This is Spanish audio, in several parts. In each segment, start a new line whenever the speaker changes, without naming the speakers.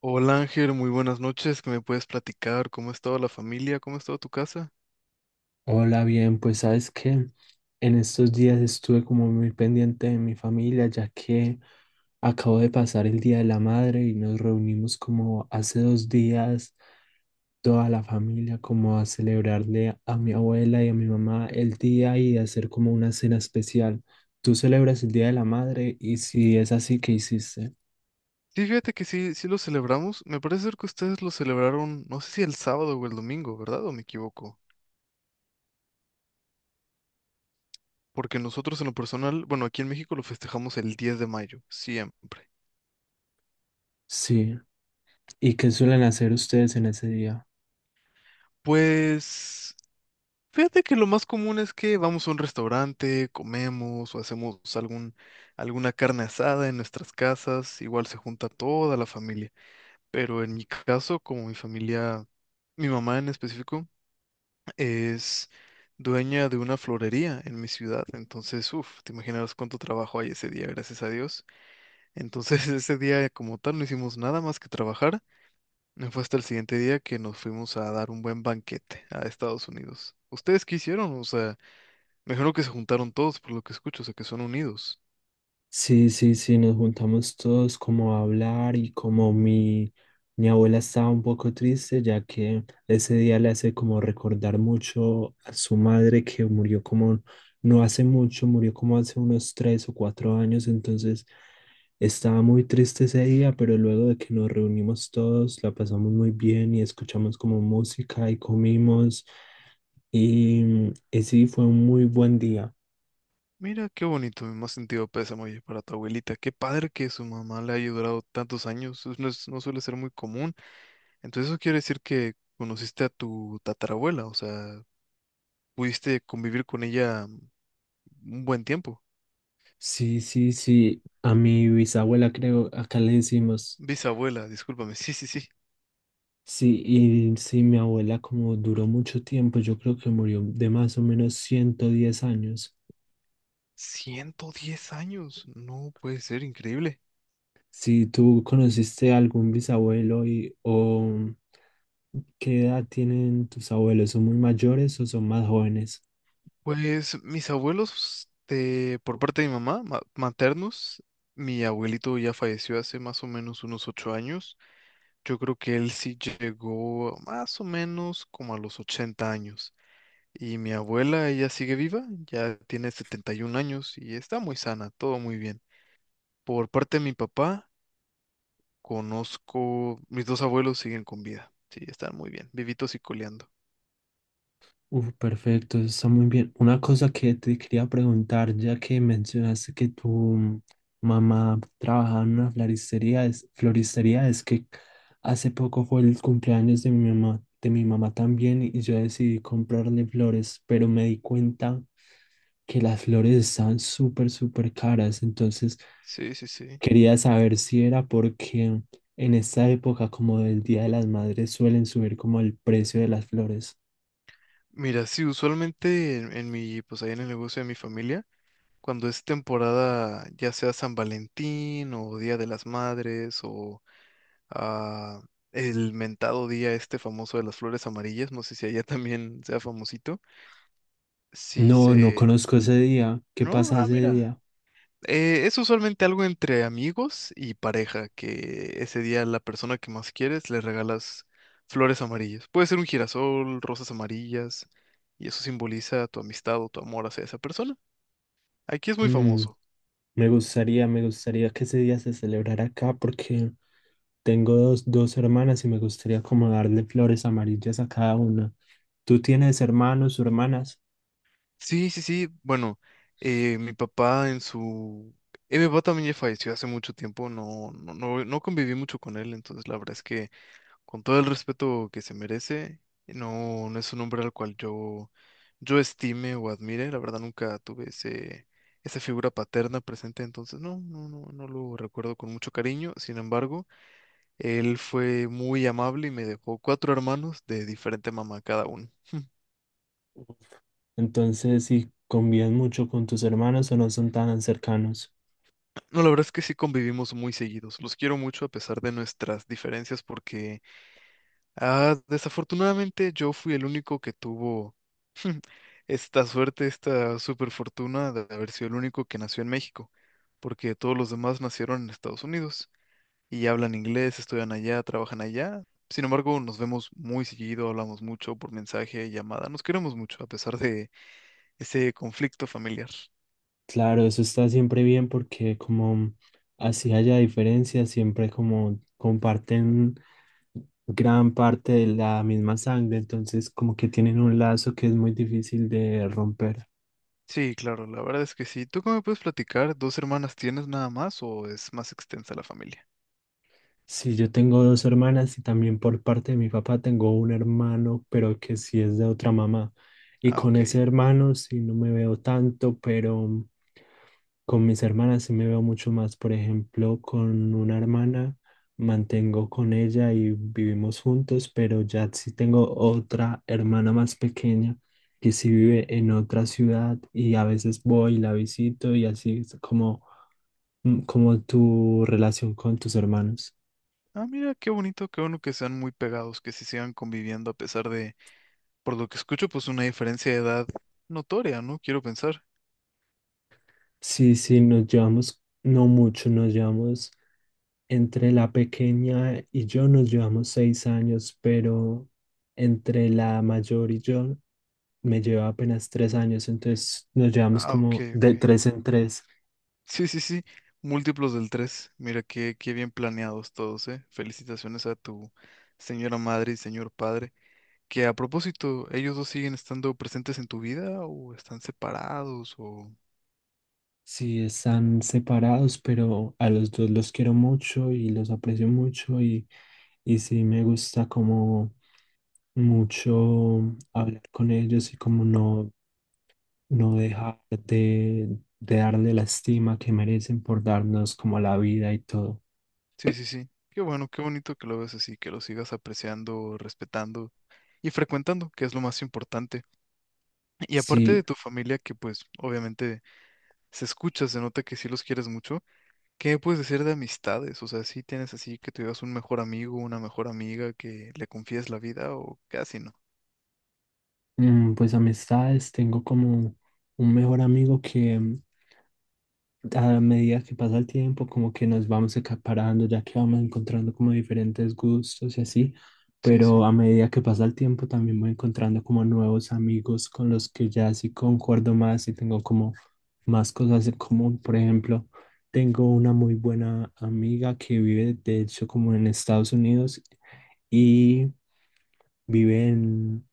Hola Ángel, muy buenas noches. ¿Qué me puedes platicar? ¿Cómo ha estado la familia? ¿Cómo ha estado tu casa?
Hola, bien, pues sabes que en estos días estuve como muy pendiente de mi familia, ya que acabo de pasar el Día de la Madre y nos reunimos como hace 2 días toda la familia como a celebrarle a mi abuela y a mi mamá el día y hacer como una cena especial. ¿Tú celebras el Día de la Madre? Y si es así, ¿qué hiciste?
Sí, fíjate que sí, sí lo celebramos. Me parece ser que ustedes lo celebraron, no sé si el sábado o el domingo, ¿verdad? ¿O me equivoco? Porque nosotros en lo personal, bueno, aquí en México lo festejamos el 10 de mayo, siempre.
Sí. ¿Y qué suelen hacer ustedes en ese día?
Pues fíjate que lo más común es que vamos a un restaurante, comemos o hacemos alguna carne asada en nuestras casas. Igual se junta toda la familia. Pero en mi caso, como mi familia, mi mamá en específico, es dueña de una florería en mi ciudad. Entonces, uff, te imaginarás cuánto trabajo hay ese día, gracias a Dios. Entonces, ese día como tal no hicimos nada más que trabajar. No. Fue hasta el siguiente día que nos fuimos a dar un buen banquete a Estados Unidos. ¿Ustedes qué hicieron? O sea, me imagino que se juntaron todos por lo que escucho, o sea, que son unidos.
Sí, sí, sí, nos juntamos todos como a hablar y como mi abuela estaba un poco triste, ya que ese día le hace como recordar mucho a su madre que murió como no hace mucho, murió como hace unos 3 o 4 años, entonces estaba muy triste ese día, pero luego de que nos reunimos todos, la pasamos muy bien y escuchamos como música y comimos y sí, fue un muy buen día.
Mira qué bonito, mi más sentido pésame, oye, para tu abuelita. Qué padre que su mamá le haya durado tantos años. Eso no, no suele ser muy común. Entonces eso quiere decir que conociste a tu tatarabuela, o sea, pudiste convivir con ella un buen tiempo.
Sí, sí, sí. A mi bisabuela creo, acá le decimos,
Bisabuela, discúlpame. Sí, sí, sí.
sí, y sí, mi abuela como duró mucho tiempo, yo creo que murió de más o menos 110 años.
110 años. No puede ser, increíble.
Si tú conociste a algún bisabuelo y, o qué edad tienen tus abuelos, ¿son muy mayores o son más jóvenes?
Pues mis abuelos, de, por parte de mi mamá, maternos, mi abuelito ya falleció hace más o menos unos 8 años. Yo creo que él sí llegó más o menos como a los 80 años. Y mi abuela, ella sigue viva, ya tiene 71 años y está muy sana, todo muy bien. Por parte de mi papá, conozco, mis dos abuelos siguen con vida. Sí, están muy bien, vivitos y coleando.
Uf, perfecto, está muy bien. Una cosa que te quería preguntar, ya que mencionaste que tu mamá trabajaba en una floristería, es que hace poco fue el cumpleaños de mi mamá también, y yo decidí comprarle flores, pero me di cuenta que las flores están súper, súper caras, entonces
Sí, sí, sí.
quería saber si era porque en esta época, como del Día de las Madres, suelen subir como el precio de las flores.
Mira, sí, usualmente en mi, pues ahí en el negocio de mi familia, cuando es temporada, ya sea San Valentín o Día de las Madres o ah, el mentado día este famoso de las flores amarillas, no sé si allá también sea famosito. Sí,
No, no
se...
conozco ese día. ¿Qué
No,
pasa ese
mira.
día?
Es usualmente algo entre amigos y pareja, que ese día a la persona que más quieres le regalas flores amarillas. Puede ser un girasol, rosas amarillas, y eso simboliza tu amistad o tu amor hacia esa persona. Aquí es muy
Mm,
famoso.
me gustaría que ese día se celebrara acá porque tengo dos hermanas y me gustaría como darle flores amarillas a cada una. ¿Tú tienes hermanos o hermanas?
Sí, sí, sí. Bueno, eh, mi papá en su... mi papá también ya falleció hace mucho tiempo, no, no, no, no conviví mucho con él, entonces la verdad es que con todo el respeto que se merece, no, no es un hombre al cual yo estime o admire, la verdad nunca tuve esa figura paterna presente, entonces no, no, no, no lo recuerdo con mucho cariño, sin embargo, él fue muy amable y me dejó cuatro hermanos de diferente mamá cada uno.
Entonces, si convives mucho con tus hermanos o no son tan cercanos.
No, la verdad es que sí convivimos muy seguidos. Los quiero mucho a pesar de nuestras diferencias porque desafortunadamente yo fui el único que tuvo esta suerte, esta super fortuna de haber sido el único que nació en México, porque todos los demás nacieron en Estados Unidos y hablan inglés, estudian allá, trabajan allá. Sin embargo, nos vemos muy seguido, hablamos mucho por mensaje, llamada. Nos queremos mucho a pesar de ese conflicto familiar.
Claro, eso está siempre bien porque como así haya diferencias, siempre como comparten gran parte de la misma sangre, entonces como que tienen un lazo que es muy difícil de romper.
Sí, claro, la verdad es que sí. ¿Tú cómo me puedes platicar? ¿Dos hermanas tienes nada más o es más extensa la familia?
Sí, yo tengo 2 hermanas y también por parte de mi papá tengo un hermano, pero que sí es de otra mamá. Y
Ah,
con ese
ok.
hermano sí no me veo tanto, pero con mis hermanas sí me veo mucho más. Por ejemplo, con una hermana mantengo con ella y vivimos juntos, pero ya sí tengo otra hermana más pequeña que sí vive en otra ciudad y a veces voy y la visito y así es como tu relación con tus hermanos.
Ah, mira, qué bonito, qué bueno que sean muy pegados, que se sigan conviviendo a pesar de, por lo que escucho, pues una diferencia de edad notoria, ¿no? Quiero pensar.
Sí, sí, nos llevamos, no mucho, nos llevamos, entre la pequeña y yo nos llevamos 6 años, pero entre la mayor y yo me lleva apenas 3 años, entonces nos llevamos
Ah, ok,
como de
ok.
tres en tres.
Sí, sí, sí. Múltiplos del 3. Mira, qué bien planeados todos, ¿eh? Felicitaciones a tu señora madre y señor padre. Que a propósito, ¿ellos dos siguen estando presentes en tu vida o están separados o?
Sí, están separados, pero a los dos los quiero mucho y los aprecio mucho y sí me gusta como mucho hablar con ellos y como no dejar de darle la estima que merecen por darnos como la vida y todo.
Sí, sí, sí. Qué bueno, qué bonito que lo ves así, que lo sigas apreciando, respetando y frecuentando, que es lo más importante. Y aparte de
Sí,
tu familia, que pues obviamente se escucha, se nota que sí los quieres mucho, ¿qué me puedes decir de amistades? O sea, ¿si tienes así que tuvieras un mejor amigo, una mejor amiga que le confíes la vida o casi no?
mm, pues amistades, tengo como un mejor amigo que, a medida que pasa el tiempo, como que nos vamos acaparando, ya que vamos encontrando como diferentes gustos y así,
Sí,
pero
sí.
a medida que pasa el tiempo también voy encontrando como nuevos amigos con los que ya sí concuerdo más y tengo como más cosas en común. Por ejemplo, tengo una muy buena amiga que vive de hecho como en Estados Unidos y vive en,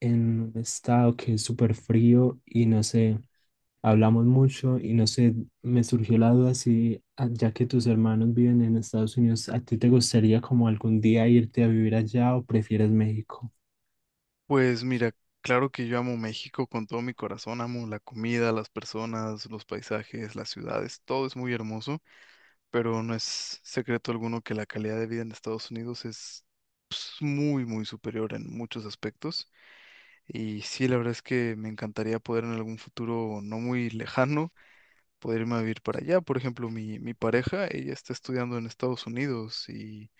en un estado que es súper frío y no sé hablamos mucho y no sé, me surgió la duda si, ya que tus hermanos viven en Estados Unidos, ¿a ti te gustaría como algún día irte a vivir allá o prefieres México?
Pues mira, claro que yo amo México con todo mi corazón, amo la comida, las personas, los paisajes, las ciudades, todo es muy hermoso. Pero no es secreto alguno que la calidad de vida en Estados Unidos es, pues, muy, muy superior en muchos aspectos. Y sí, la verdad es que me encantaría poder en algún futuro no muy lejano poder irme a vivir para allá. Por ejemplo, mi pareja, ella está estudiando en Estados Unidos y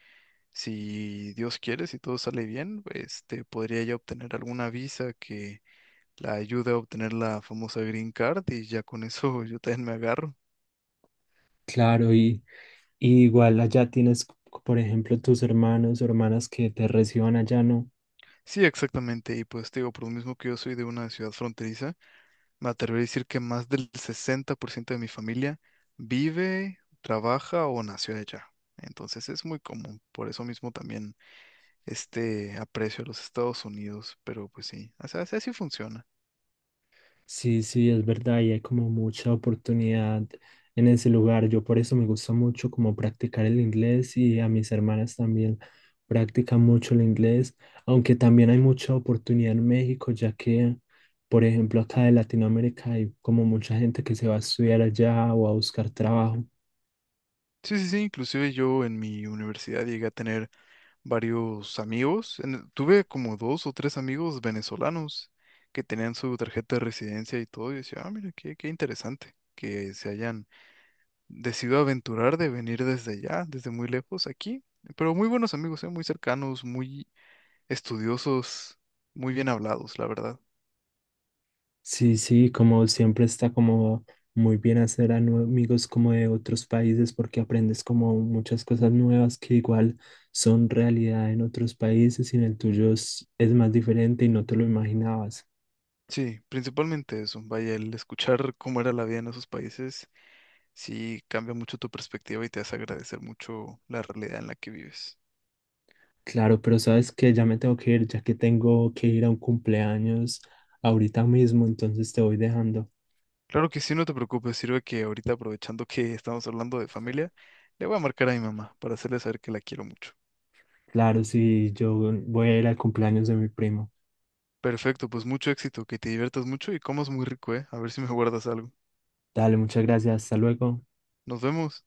si Dios quiere, si todo sale bien, podría ella obtener alguna visa que la ayude a obtener la famosa Green Card y ya con eso yo también me agarro.
Claro, y igual allá tienes, por ejemplo, tus hermanos o hermanas que te reciban allá, ¿no?
Sí, exactamente. Y pues te digo, por lo mismo que yo soy de una ciudad fronteriza, me atrevería a decir que más del 60% de mi familia vive, trabaja o nació allá. Entonces es muy común. Por eso mismo también este aprecio a los Estados Unidos. Pero pues sí, o sea, así así funciona.
Sí, sí, es verdad, y hay como mucha oportunidad en ese lugar. Yo por eso me gusta mucho como practicar el inglés y a mis hermanas también practican mucho el inglés, aunque también hay mucha oportunidad en México, ya que, por ejemplo, acá de Latinoamérica hay como mucha gente que se va a estudiar allá o a buscar trabajo.
Sí, sí, sí. Inclusive yo en mi universidad llegué a tener varios amigos. Tuve como dos o tres amigos venezolanos que tenían su tarjeta de residencia y todo. Y decía, ah, mira, qué interesante que se hayan decido aventurar de venir desde allá, desde muy lejos, aquí. Pero muy buenos amigos, ¿eh? Muy cercanos, muy estudiosos, muy bien hablados, la verdad.
Sí, sí, como siempre está como muy bien hacer a amigos como de otros países porque aprendes como muchas cosas nuevas que igual son realidad en otros países y en el tuyo es más diferente y no te lo imaginabas.
Sí, principalmente eso. Vaya, el escuchar cómo era la vida en esos países, sí cambia mucho tu perspectiva y te hace agradecer mucho la realidad en la que vives.
Claro, pero sabes que ya me tengo que ir, ya que tengo que ir a un cumpleaños ahorita mismo, entonces te voy dejando.
Claro que sí, no te preocupes, sirve que ahorita aprovechando que estamos hablando de familia, le voy a marcar a mi mamá para hacerle saber que la quiero mucho.
Claro, sí, yo voy a ir al cumpleaños de mi primo.
Perfecto, pues mucho éxito, que te diviertas mucho y comas muy rico, ¿eh? A ver si me guardas algo.
Dale, muchas gracias, hasta luego.
Nos vemos.